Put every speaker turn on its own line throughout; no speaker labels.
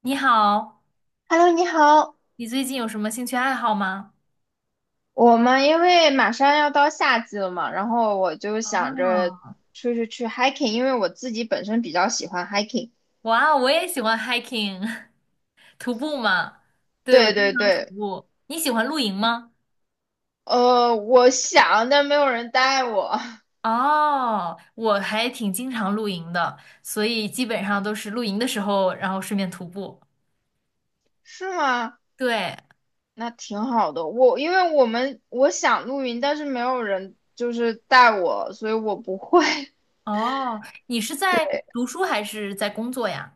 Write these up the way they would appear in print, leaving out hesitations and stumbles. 你好，
Hello，你好。
你最近有什么兴趣爱好吗？
我们因为马上要到夏季了嘛，然后我就想着
啊，
出去 hiking，因为我自己本身比较喜欢 hiking。
哇哦，我也喜欢 hiking，徒步嘛。对，我
对
经
对
常徒
对，
步。你喜欢露营吗？
我想，但没有人带我，
哦，我还挺经常露营的，所以基本上都是露营的时候，然后顺便徒步。
是吗？
对，
那挺好的。我因为我们我想露营，但是没有人就是带我，所以我不会。
哦，你是在
对，
读书还是在工作呀？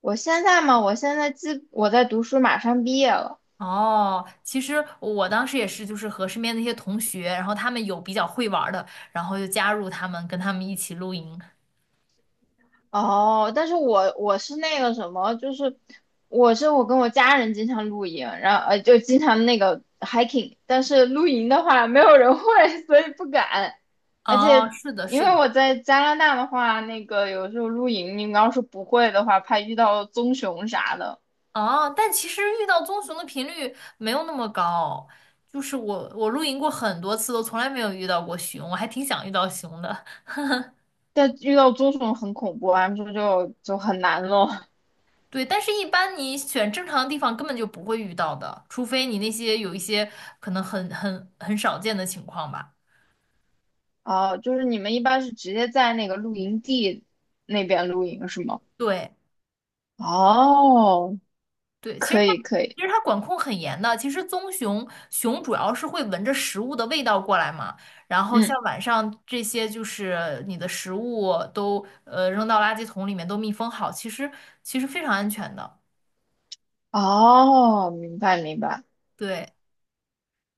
我现在嘛，我在读书，马上毕业了。
哦，其实我当时也是，就是和身边那些同学，然后他们有比较会玩儿的，然后就加入他们，跟他们一起露营。
哦，但是我是那个什么，就是我跟我家人经常露营，然后就经常那个 hiking，但是露营的话没有人会，所以不敢。而
哦，
且
是的，
因
是
为
的，
我在加拿大的话，那个有时候露营，你要是不会的话，怕遇到棕熊啥的。
哦，但其实遇到棕熊的频率没有那么高，就是我露营过很多次，都从来没有遇到过熊，我还挺想遇到熊的。
但遇到棕熊很恐怖，他们说就很难咯。
对，但是一般你选正常的地方根本就不会遇到的，除非你那些有一些可能很少见的情况吧。
哦，就是你们一般是直接在那个露营地那边露营是吗？
对。
哦，
对，其实
可
它
以可以。
其实它管控很严的。其实棕熊熊主要是会闻着食物的味道过来嘛，然后
嗯。
像晚上这些就是你的食物都扔到垃圾桶里面都密封好，其实非常安全的。
哦，明白明白。
对，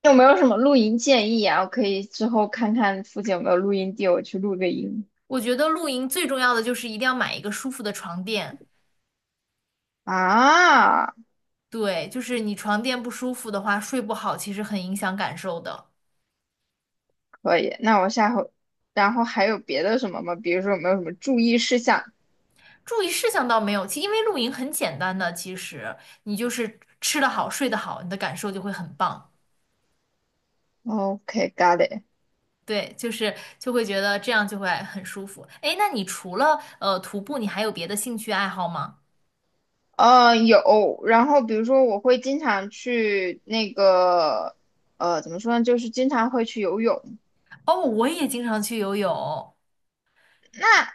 有没有什么露营建议啊？我可以之后看看附近有没有露营地，我去露个营。
我觉得露营最重要的就是一定要买一个舒服的床垫。
啊，
对，就是你床垫不舒服的话，睡不好其实很影响感受的。
可以。那我下回，然后还有别的什么吗？比如说有没有什么注意事项
注意事项倒没有，其因为露营很简单的，其实你就是吃得好，睡得好，你的感受就会很棒。
？OK，got it。
对，就是就会觉得这样就会很舒服。哎，那你除了徒步，你还有别的兴趣爱好吗？
有。然后比如说我会经常去那个，怎么说呢？就是经常会去游泳。
哦，我也经常去游泳，
啊。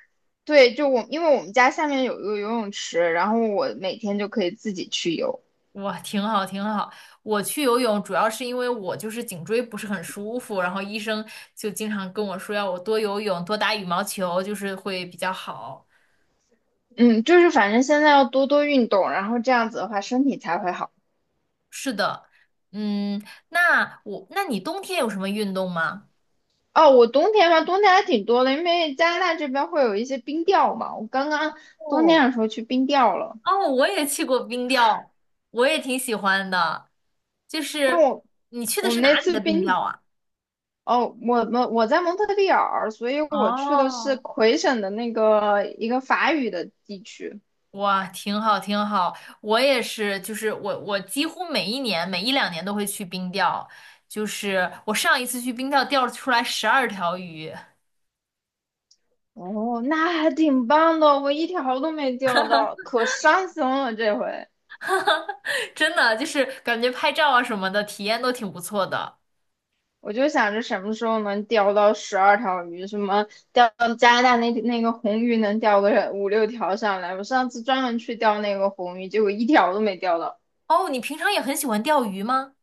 对，就我，因为我们家下面有一个游泳池，然后我每天就可以自己去游。
哇，挺好挺好。我去游泳主要是因为我就是颈椎不是很舒服，然后医生就经常跟我说要我多游泳，多打羽毛球，就是会比较好。
嗯，就是反正现在要多多运动，然后这样子的话身体才会好。
是的，嗯，那你冬天有什么运动吗？
哦，我冬天嘛，冬天还挺多的，因为加拿大这边会有一些冰钓嘛。我刚刚冬
哦。
天的时候去冰钓了，
哦，我也去过冰钓，我也挺喜欢的。就
但
是
我
你去的
我
是
们那
哪里
次
的冰
冰，
钓啊？
哦，我在蒙特利尔，所以我去的是
哦，
魁省的那个一个法语的地区。
哇，挺好，挺好。我也是，就是我几乎每一年、每一两年都会去冰钓。就是我上一次去冰钓钓出来12条鱼，
哦，那还挺棒的，我一条都没钓到，可伤心了这回。
真的就是感觉拍照啊什么的体验都挺不错的。
我就想着什么时候能钓到12条鱼，什么钓加拿大那个红鱼能钓个五六条上来。我上次专门去钓那个红鱼，结果一条都没钓到。
哦，你平常也很喜欢钓鱼吗？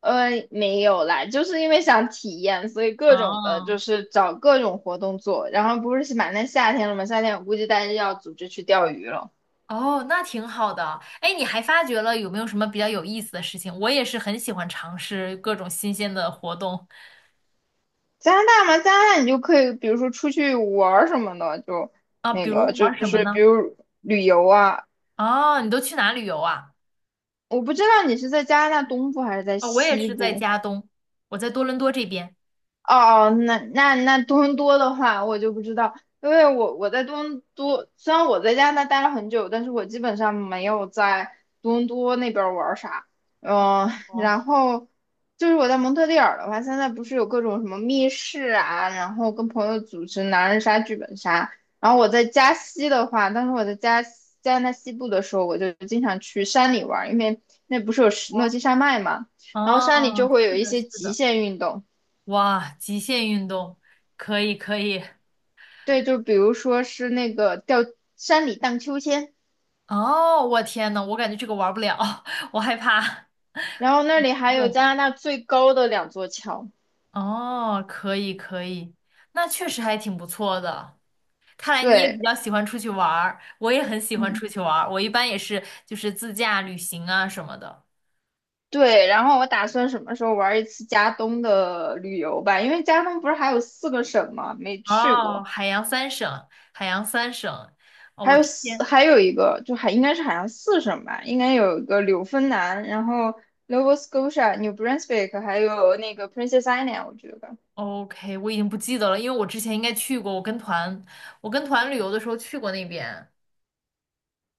没有啦，就是因为想体验，所以各种的
哦，
就是找各种活动做。然后不是马上夏天了嘛，夏天我估计大家要组织去钓鱼了。
哦，那挺好的。哎，你还发觉了有没有什么比较有意思的事情？我也是很喜欢尝试各种新鲜的活动
加拿大嘛，加拿大你就可以，比如说出去玩儿什么的，就
啊，
那
比
个
如
就
玩什么
是比
呢？
如旅游啊，
哦，你都去哪旅游啊？
我不知道你是在加拿大东部还是在
哦，我也
西
是在
部。
加东，我在多伦多这边。
哦，那多伦多的话，我就不知道，因为我在多伦多，虽然我在加拿大待了很久，但是我基本上没有在多伦多那边玩儿啥。
哦
嗯，
哦
然后就是我在蒙特利尔的话，现在不是有各种什么密室啊，然后跟朋友组织狼人杀、剧本杀。然后我在加西的话，当时我在加西加拿大西部的时候，我就经常去山里玩儿，因为那不是有石诺
哦，
基山脉嘛，然后山里
哦，
就会有
是
一
的，
些
是
极
的。
限运动。
哇，极限运动，可以可以。
对，就比如说是那个叫山里荡秋千，
哦，我天呐，我感觉这个玩不了，我害怕。
然后那里还有
用。
加拿大最高的两座桥。
哦，可以可以，那确实还挺不错的。看来你也比
对
较喜欢出去玩儿，我也很喜欢
嗯，
出去玩儿。我一般也是就是自驾旅行啊什么的。
对，然后我打算什么时候玩一次加东的旅游吧，因为加东不是还有四个省吗？没去
哦，
过，
海洋三省，海洋三省。天。
还有一个就还应该是好像四省吧，应该有一个纽芬兰，然后 Nova Scotia、New Brunswick，还有那个 Princess Island，我觉得
OK，我已经不记得了，因为我之前应该去过，我跟团，我跟团旅游的时候去过那边。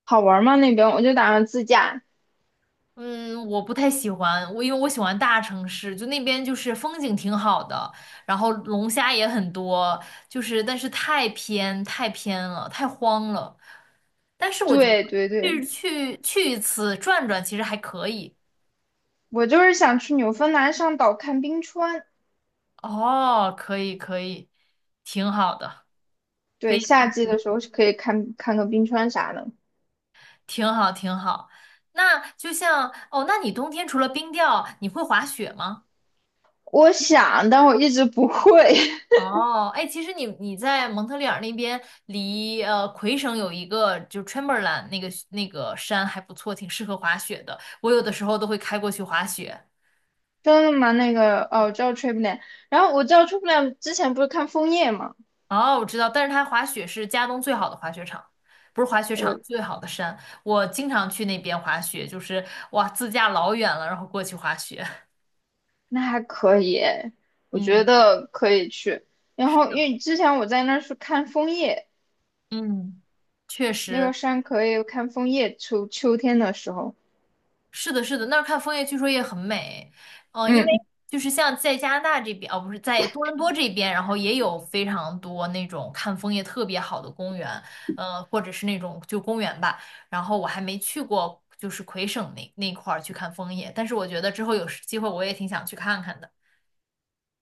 好玩吗？那边我就打算自驾。
嗯，我不太喜欢，我因为我喜欢大城市，就那边就是风景挺好的，然后龙虾也很多，就是但是太偏太偏了，太荒了。但是我觉得
对对对。
去一次转转其实还可以。
我就是想去纽芬兰上岛看冰川，
哦，可以可以，挺好的，可
对，
以
夏季的时候是可以看看个冰川啥的。
挺好挺好。那就像哦，那你冬天除了冰钓，你会滑雪吗？
我想，但我一直不会。
哦，哎，其实你在蒙特利尔那边离，魁省有一个就是 c h a m b r l a i n 那个山还不错，挺适合滑雪的。我有的时候都会开过去滑雪。
真的吗？那个哦，我知道 Triplan，然后我知道 Triplan 之前不是看枫叶嘛，
哦，我知道，但是它滑雪是加东最好的滑雪场，不是滑雪场，最
我
好的山。我经常去那边滑雪，就是哇，自驾老远了，然后过去滑雪。
那还可以，我觉
嗯
得可以去。然后因为之前我在那儿是看枫叶，
嗯，确
那
实。
个山可以看枫叶，秋天的时候，
是的，是的，那儿看枫叶据说也很美，因为
嗯，
就是像在加拿大这边，哦，不是在多伦多这边，然后也有非常多那种看枫叶特别好的公园，或者是那种就公园吧。然后我还没去过，就是魁省那块儿去看枫叶，但是我觉得之后有时机会我也挺想去看看的。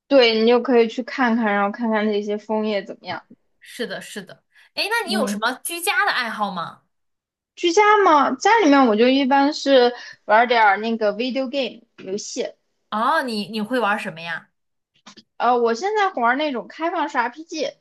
对你就可以去看看，然后看看那些枫叶怎么样。
是的，是的，哎，那你有什
嗯，
么居家的爱好吗？
居家嘛，家里面我就一般是玩点儿那个 video game 游戏，
哦，你会玩什么呀？
我现在玩那种开放式 RPG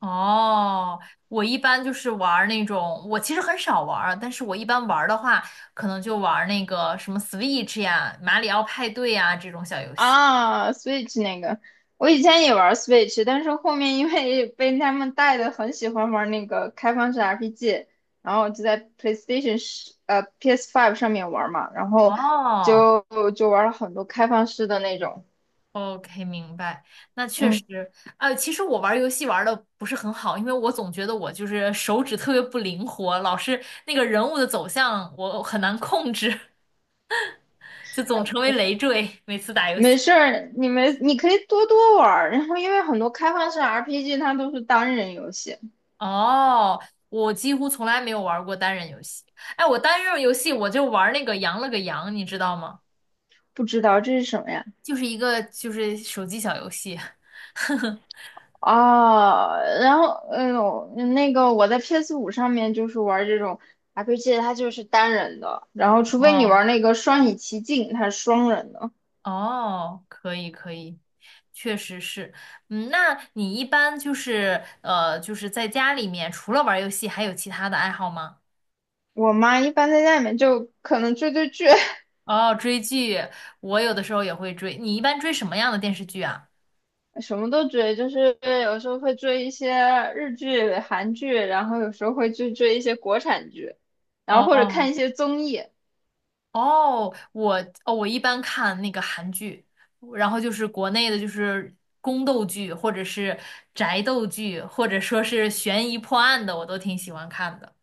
哦，我一般就是玩儿那种，我其实很少玩儿但是我一般玩儿的话，可能就玩儿那个什么 Switch 呀、马里奥派对呀这种小游戏。
啊，Switch 那个，我以前也玩 Switch，但是后面因为被他们带的很喜欢玩那个开放式 RPG，然后就在 PS5 上面玩嘛，然后
哦
就就玩了很多开放式的那种，
，OK，明白。那确
嗯。
实，其实我玩儿游戏玩的不是很好，因为我总觉得我就是手指特别不灵活，老是那个人物的走向我很难控制，就总成为累赘，每次打游
没
戏。
事儿，你们你可以多多玩儿，然后因为很多开放式 RPG 它都是单人游戏，
哦，我几乎从来没有玩过单人游戏。哎，我单人游戏我就玩那个羊了个羊，你知道吗？
不知道这是什么呀？
就是一个就是手机小游戏。
哦，然后那个我在 PS5上面就是玩这种 RPG，它就是单人的，然后除非你
哦
玩那个双影奇境，它是双人的。
哦，可以可以，确实是。嗯，那你一般就是就是在家里面除了玩游戏，还有其他的爱好吗？
我妈一般在家里面就可能追追剧，
哦，追剧，我有的时候也会追。你一般追什么样的电视剧啊？
什么都追，就是有时候会追一些日剧、韩剧，然后有时候会去追一些国产剧，然后或者
哦
看一些综艺。
哦，我一般看那个韩剧，然后就是国内的，就是宫斗剧，或者是宅斗剧，或者说是悬疑破案的，我都挺喜欢看的。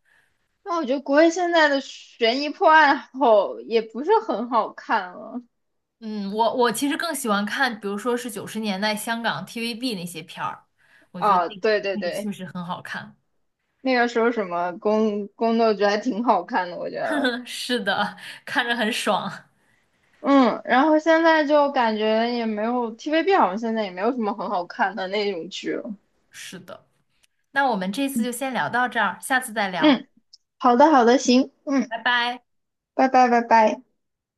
那我觉得国内现在的悬疑破案好也不是很好看了。
嗯，我其实更喜欢看，比如说是90年代香港 TVB 那些片儿，我觉得
啊，
那个
对对
确
对，
实很好看。
那个时候什么宫斗剧还挺好看的，我觉得。
是的，看着很爽。
嗯，然后现在就感觉也没有 TVB 好像现在也没有什么很好看的那种剧了。
是的，那我们这次就先聊到这儿，下次再聊，
嗯，好的好的，行，嗯，
拜拜。
拜拜拜拜。